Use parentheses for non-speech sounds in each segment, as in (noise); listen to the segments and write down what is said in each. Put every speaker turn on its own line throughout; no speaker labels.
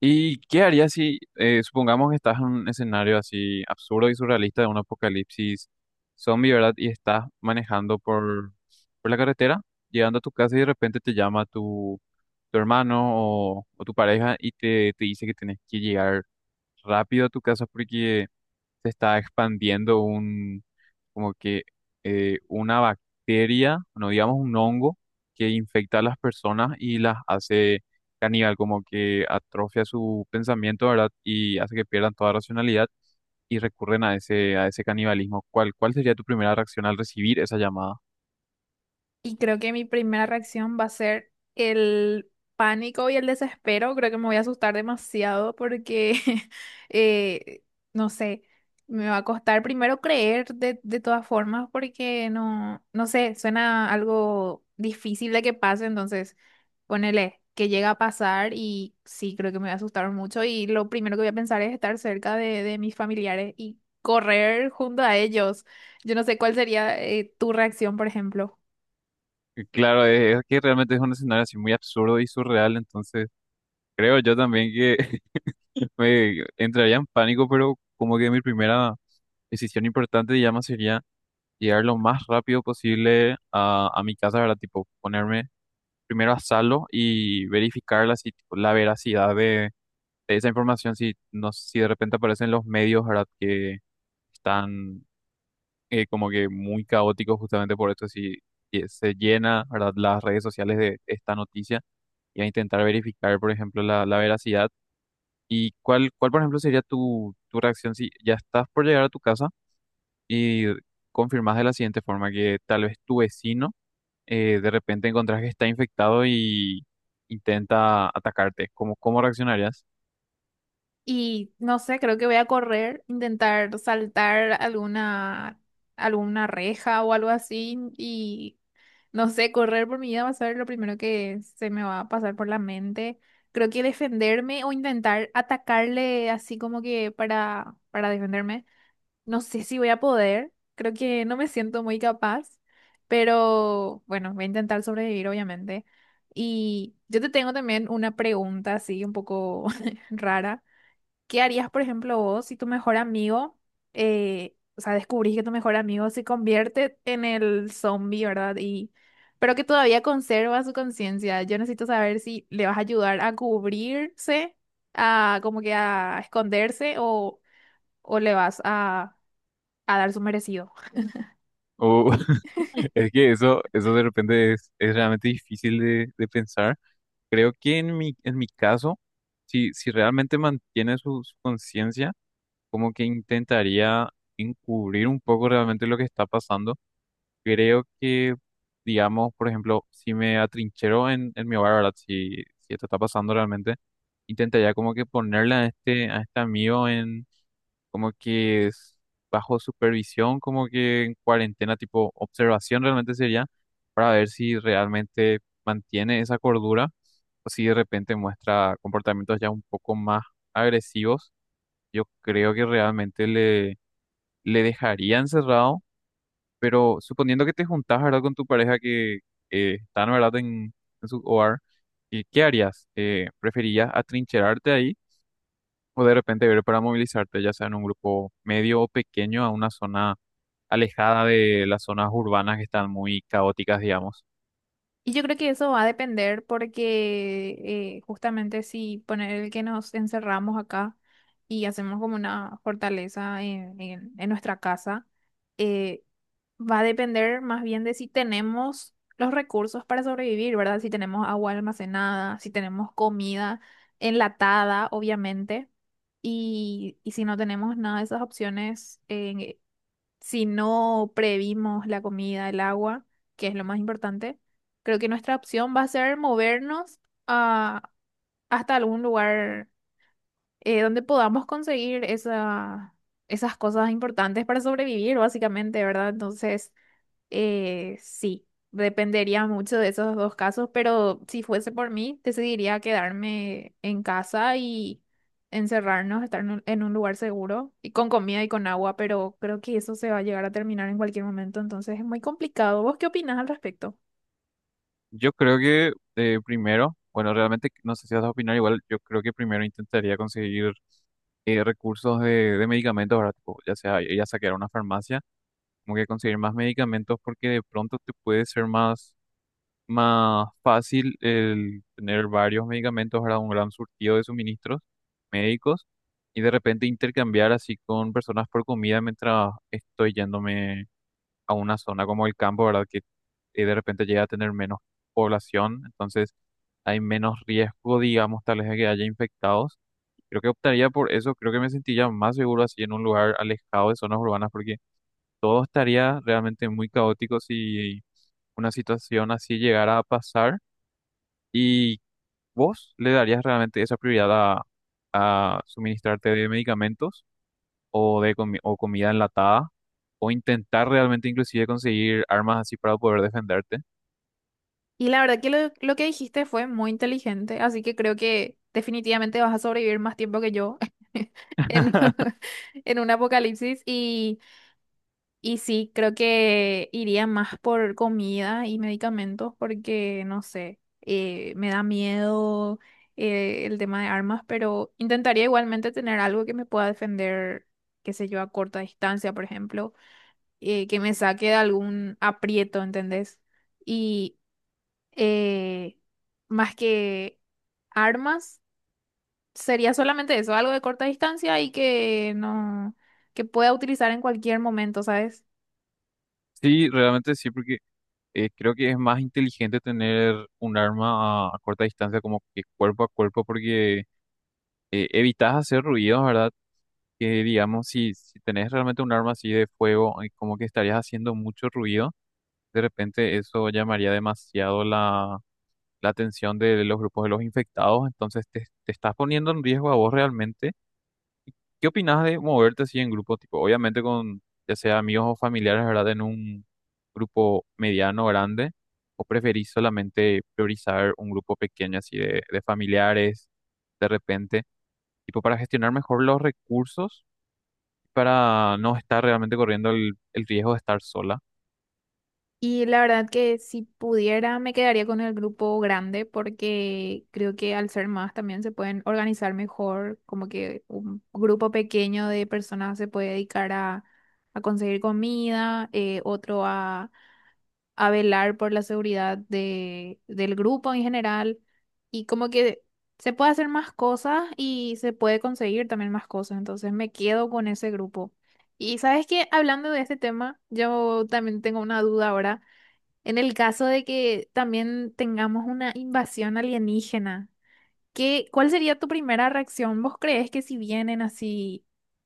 ¿Y qué harías si, supongamos que estás en un escenario así absurdo y surrealista de un apocalipsis zombie, verdad? Y estás manejando por la carretera, llegando a tu casa y de repente te llama tu hermano o tu pareja y te dice que tienes que llegar rápido a tu casa porque se está expandiendo un, como que una bacteria, no digamos un hongo, que infecta a las personas y las hace caníbal, como que atrofia su pensamiento, ¿verdad? Y hace que pierdan toda racionalidad y recurren a a ese canibalismo. ¿Cuál, cuál sería tu primera reacción al recibir esa llamada?
Y creo que mi primera reacción va a ser el pánico y el desespero. Creo que me voy a asustar demasiado porque, (laughs) eh, no sé, me va a costar primero creer de todas formas porque no sé, suena algo difícil de que pase. Entonces, ponele que llega a pasar y sí, creo que me voy a asustar mucho. Y lo primero que voy a pensar es estar cerca de mis familiares y correr junto a ellos. Yo no sé cuál sería, tu reacción, por ejemplo.
Y claro, es que realmente es un escenario así muy absurdo y surreal, entonces creo yo también que (laughs) me entraría en pánico, pero como que mi primera decisión importante, digamos, sería llegar lo más rápido posible a mi casa, ¿verdad? Tipo, ponerme primero a salvo y verificar la, si- tipo, la veracidad de esa información, si, no, si de repente aparecen los medios, ¿verdad? Que están como que muy caóticos justamente por esto, si se llena, ¿verdad? Las redes sociales de esta noticia y a intentar verificar, por ejemplo, la veracidad. ¿Y cuál, cuál, por ejemplo, sería tu reacción si ya estás por llegar a tu casa y confirmas de la siguiente forma que tal vez tu vecino, de repente encontrás que está infectado y intenta atacarte? ¿Cómo, cómo reaccionarías?
Y no sé, creo que voy a correr, intentar saltar alguna reja o algo así. Y no sé, correr por mi vida va a ser lo primero que se me va a pasar por la mente. Creo que defenderme o intentar atacarle así como que para defenderme. No sé si voy a poder. Creo que no me siento muy capaz. Pero bueno, voy a intentar sobrevivir, obviamente. Y yo te tengo también una pregunta así un poco (laughs) rara. ¿Qué harías, por ejemplo, vos si tu mejor amigo, o sea, descubrís que tu mejor amigo se convierte en el zombie, ¿verdad? Y, pero que todavía conserva su conciencia. Yo necesito saber si le vas a ayudar a cubrirse, a como que a esconderse o le vas a dar su merecido.
O (laughs) es que eso de repente es realmente difícil de pensar. Creo que en en mi caso, si realmente mantiene su conciencia, como que intentaría encubrir un poco realmente lo que está pasando. Creo que, digamos, por ejemplo, si me atrinchero en mi hogar, ¿verdad? Si esto está pasando realmente intentaría como que ponerle a a este amigo en, como que es bajo supervisión, como que en cuarentena, tipo observación realmente sería, para ver si realmente mantiene esa cordura o si de repente muestra comportamientos ya un poco más agresivos. Yo creo que realmente le dejaría encerrado, pero suponiendo que te juntás, ¿verdad?, con tu pareja que están, ¿verdad?, en su hogar, ¿y qué harías? ¿Preferirías atrincherarte ahí? O de repente ver para movilizarte, ya sea en un grupo medio o pequeño, a una zona alejada de las zonas urbanas que están muy caóticas, digamos.
Y yo creo que eso va a depender porque justamente si poner el que nos encerramos acá y hacemos como una fortaleza en en nuestra casa eh, va a depender más bien de si tenemos los recursos para sobrevivir, ¿verdad? Si tenemos agua almacenada, si tenemos comida enlatada, obviamente. Y si no tenemos nada de esas opciones, si no previmos la comida, el agua, que es lo más importante, creo que nuestra opción va a ser movernos a- hasta algún lugar donde podamos conseguir esas cosas importantes para sobrevivir, básicamente, ¿verdad? Entonces... Sí, dependería mucho de esos dos casos, pero si fuese por mí, decidiría quedarme en casa y encerrarnos, estar en en un lugar seguro y con comida y con agua, pero creo que eso se va a llegar a terminar en cualquier momento, entonces es muy complicado. ¿Vos qué opinás al respecto?
Yo creo que primero, bueno, realmente no sé si vas a opinar igual. Yo creo que primero intentaría conseguir recursos de medicamentos, ¿verdad? Tipo, ya sea ir a saquear una farmacia, como que conseguir más medicamentos, porque de pronto te puede ser más fácil el tener varios medicamentos para un gran surtido de suministros médicos y de repente intercambiar así con personas por comida mientras estoy yéndome a una zona como el campo, ¿verdad? Que de repente llega a tener menos población, entonces hay menos riesgo, digamos, tal vez de que haya infectados. Creo que optaría por eso, creo que me sentiría más seguro así en un lugar alejado de zonas urbanas porque todo estaría realmente muy caótico si una situación así llegara a pasar. ¿Y vos le darías realmente esa prioridad a suministrarte de medicamentos o comida enlatada o intentar realmente inclusive conseguir armas así para poder defenderte?
Y la verdad que lo que dijiste fue muy inteligente, así que creo que definitivamente vas a sobrevivir más tiempo que yo (laughs) en, (laughs) en un apocalipsis y... Y sí, creo que iría más por comida y medicamentos porque, no sé, me da miedo el tema de armas, pero intentaría igualmente tener algo que me pueda defender, qué sé yo, a corta distancia, por ejemplo, que me saque de algún aprieto, ¿entendés? Y eh, más que armas, sería solamente eso, algo de corta distancia y que no, que pueda utilizar en cualquier momento, ¿sabes?
Sí, realmente sí, porque creo que es más inteligente tener un arma a corta distancia, como que cuerpo a cuerpo, porque evitas hacer ruidos, ¿verdad? Que digamos, si tenés realmente un arma así de fuego, como que estarías haciendo mucho ruido, de repente eso llamaría demasiado la atención de los grupos de los infectados, entonces te estás poniendo en riesgo a vos realmente. ¿Qué opinas de moverte así en grupo, tipo, obviamente con ya sea amigos o familiares, ¿verdad? En un grupo mediano, grande, o preferís solamente priorizar un grupo pequeño así de familiares, de repente, tipo para gestionar mejor los recursos, para no estar realmente corriendo el riesgo de estar sola?
Y la verdad que si pudiera me quedaría con el grupo grande porque creo que al ser más también se pueden organizar mejor, como que un grupo pequeño de personas se puede dedicar a conseguir comida, otro a velar por la seguridad del grupo en general y como que se puede hacer más cosas y se puede conseguir también más cosas, entonces me quedo con ese grupo. Y sabes que hablando de este tema, yo también tengo una duda ahora. En el caso de que también tengamos una invasión alienígena, ¿qué, cuál sería tu primera reacción? ¿Vos crees que si vienen así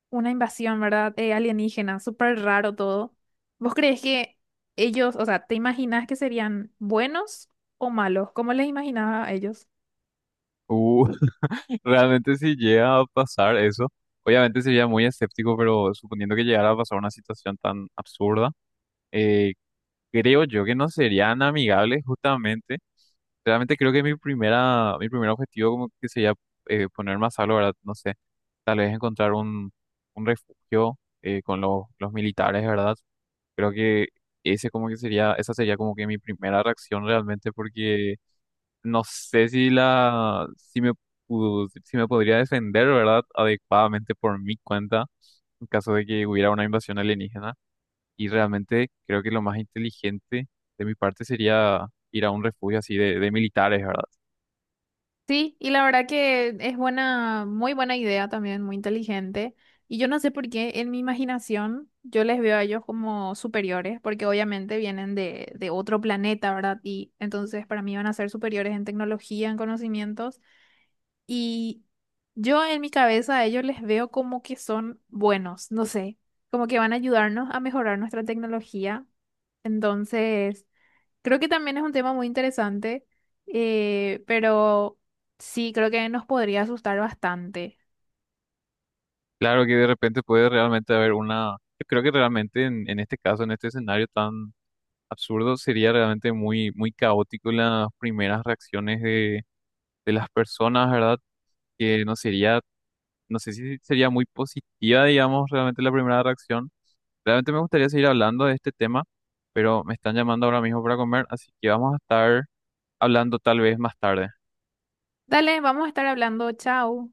una invasión, ¿verdad? Alienígena, súper raro todo, ¿vos crees que ellos, o sea, te imaginas que serían buenos o malos? ¿Cómo les imaginaba a ellos?
Uh. Realmente si llega a pasar eso, obviamente sería muy escéptico, pero suponiendo que llegara a pasar una situación tan absurda, eh, creo yo que no serían amigables justamente. Realmente creo que mi primer objetivo como que sería, poner más salvo, ¿verdad? No sé, tal vez encontrar un refugio con los militares, ¿verdad? Creo que ese como que sería, esa sería como que mi primera reacción realmente porque no sé si la, si me pudo- si me podría defender, ¿verdad? Adecuadamente por mi cuenta, en caso de que hubiera una invasión alienígena. Y realmente creo que lo más inteligente de mi parte sería ir a un refugio así de militares, ¿verdad?
Sí, y la verdad que es buena, muy buena idea también, muy inteligente. Y yo no sé por qué en mi imaginación yo les veo a ellos como superiores, porque obviamente vienen de otro planeta, ¿verdad? Y entonces para mí van a ser superiores en tecnología, en conocimientos. Y yo en mi cabeza a ellos les veo como que son buenos, no sé, como que van a ayudarnos a mejorar nuestra tecnología. Entonces... Creo que también es un tema muy interesante, pero sí, creo que nos podría asustar bastante.
Claro que de repente puede realmente haber yo creo que realmente en este caso, en este escenario tan absurdo, sería realmente muy, muy caótico las primeras reacciones de las personas, ¿verdad? Que no sería, no sé si sería muy positiva, digamos, realmente la primera reacción. Realmente me gustaría seguir hablando de este tema, pero me están llamando ahora mismo para comer, así que vamos a estar hablando tal vez más tarde.
Dale, vamos a estar hablando. Chao.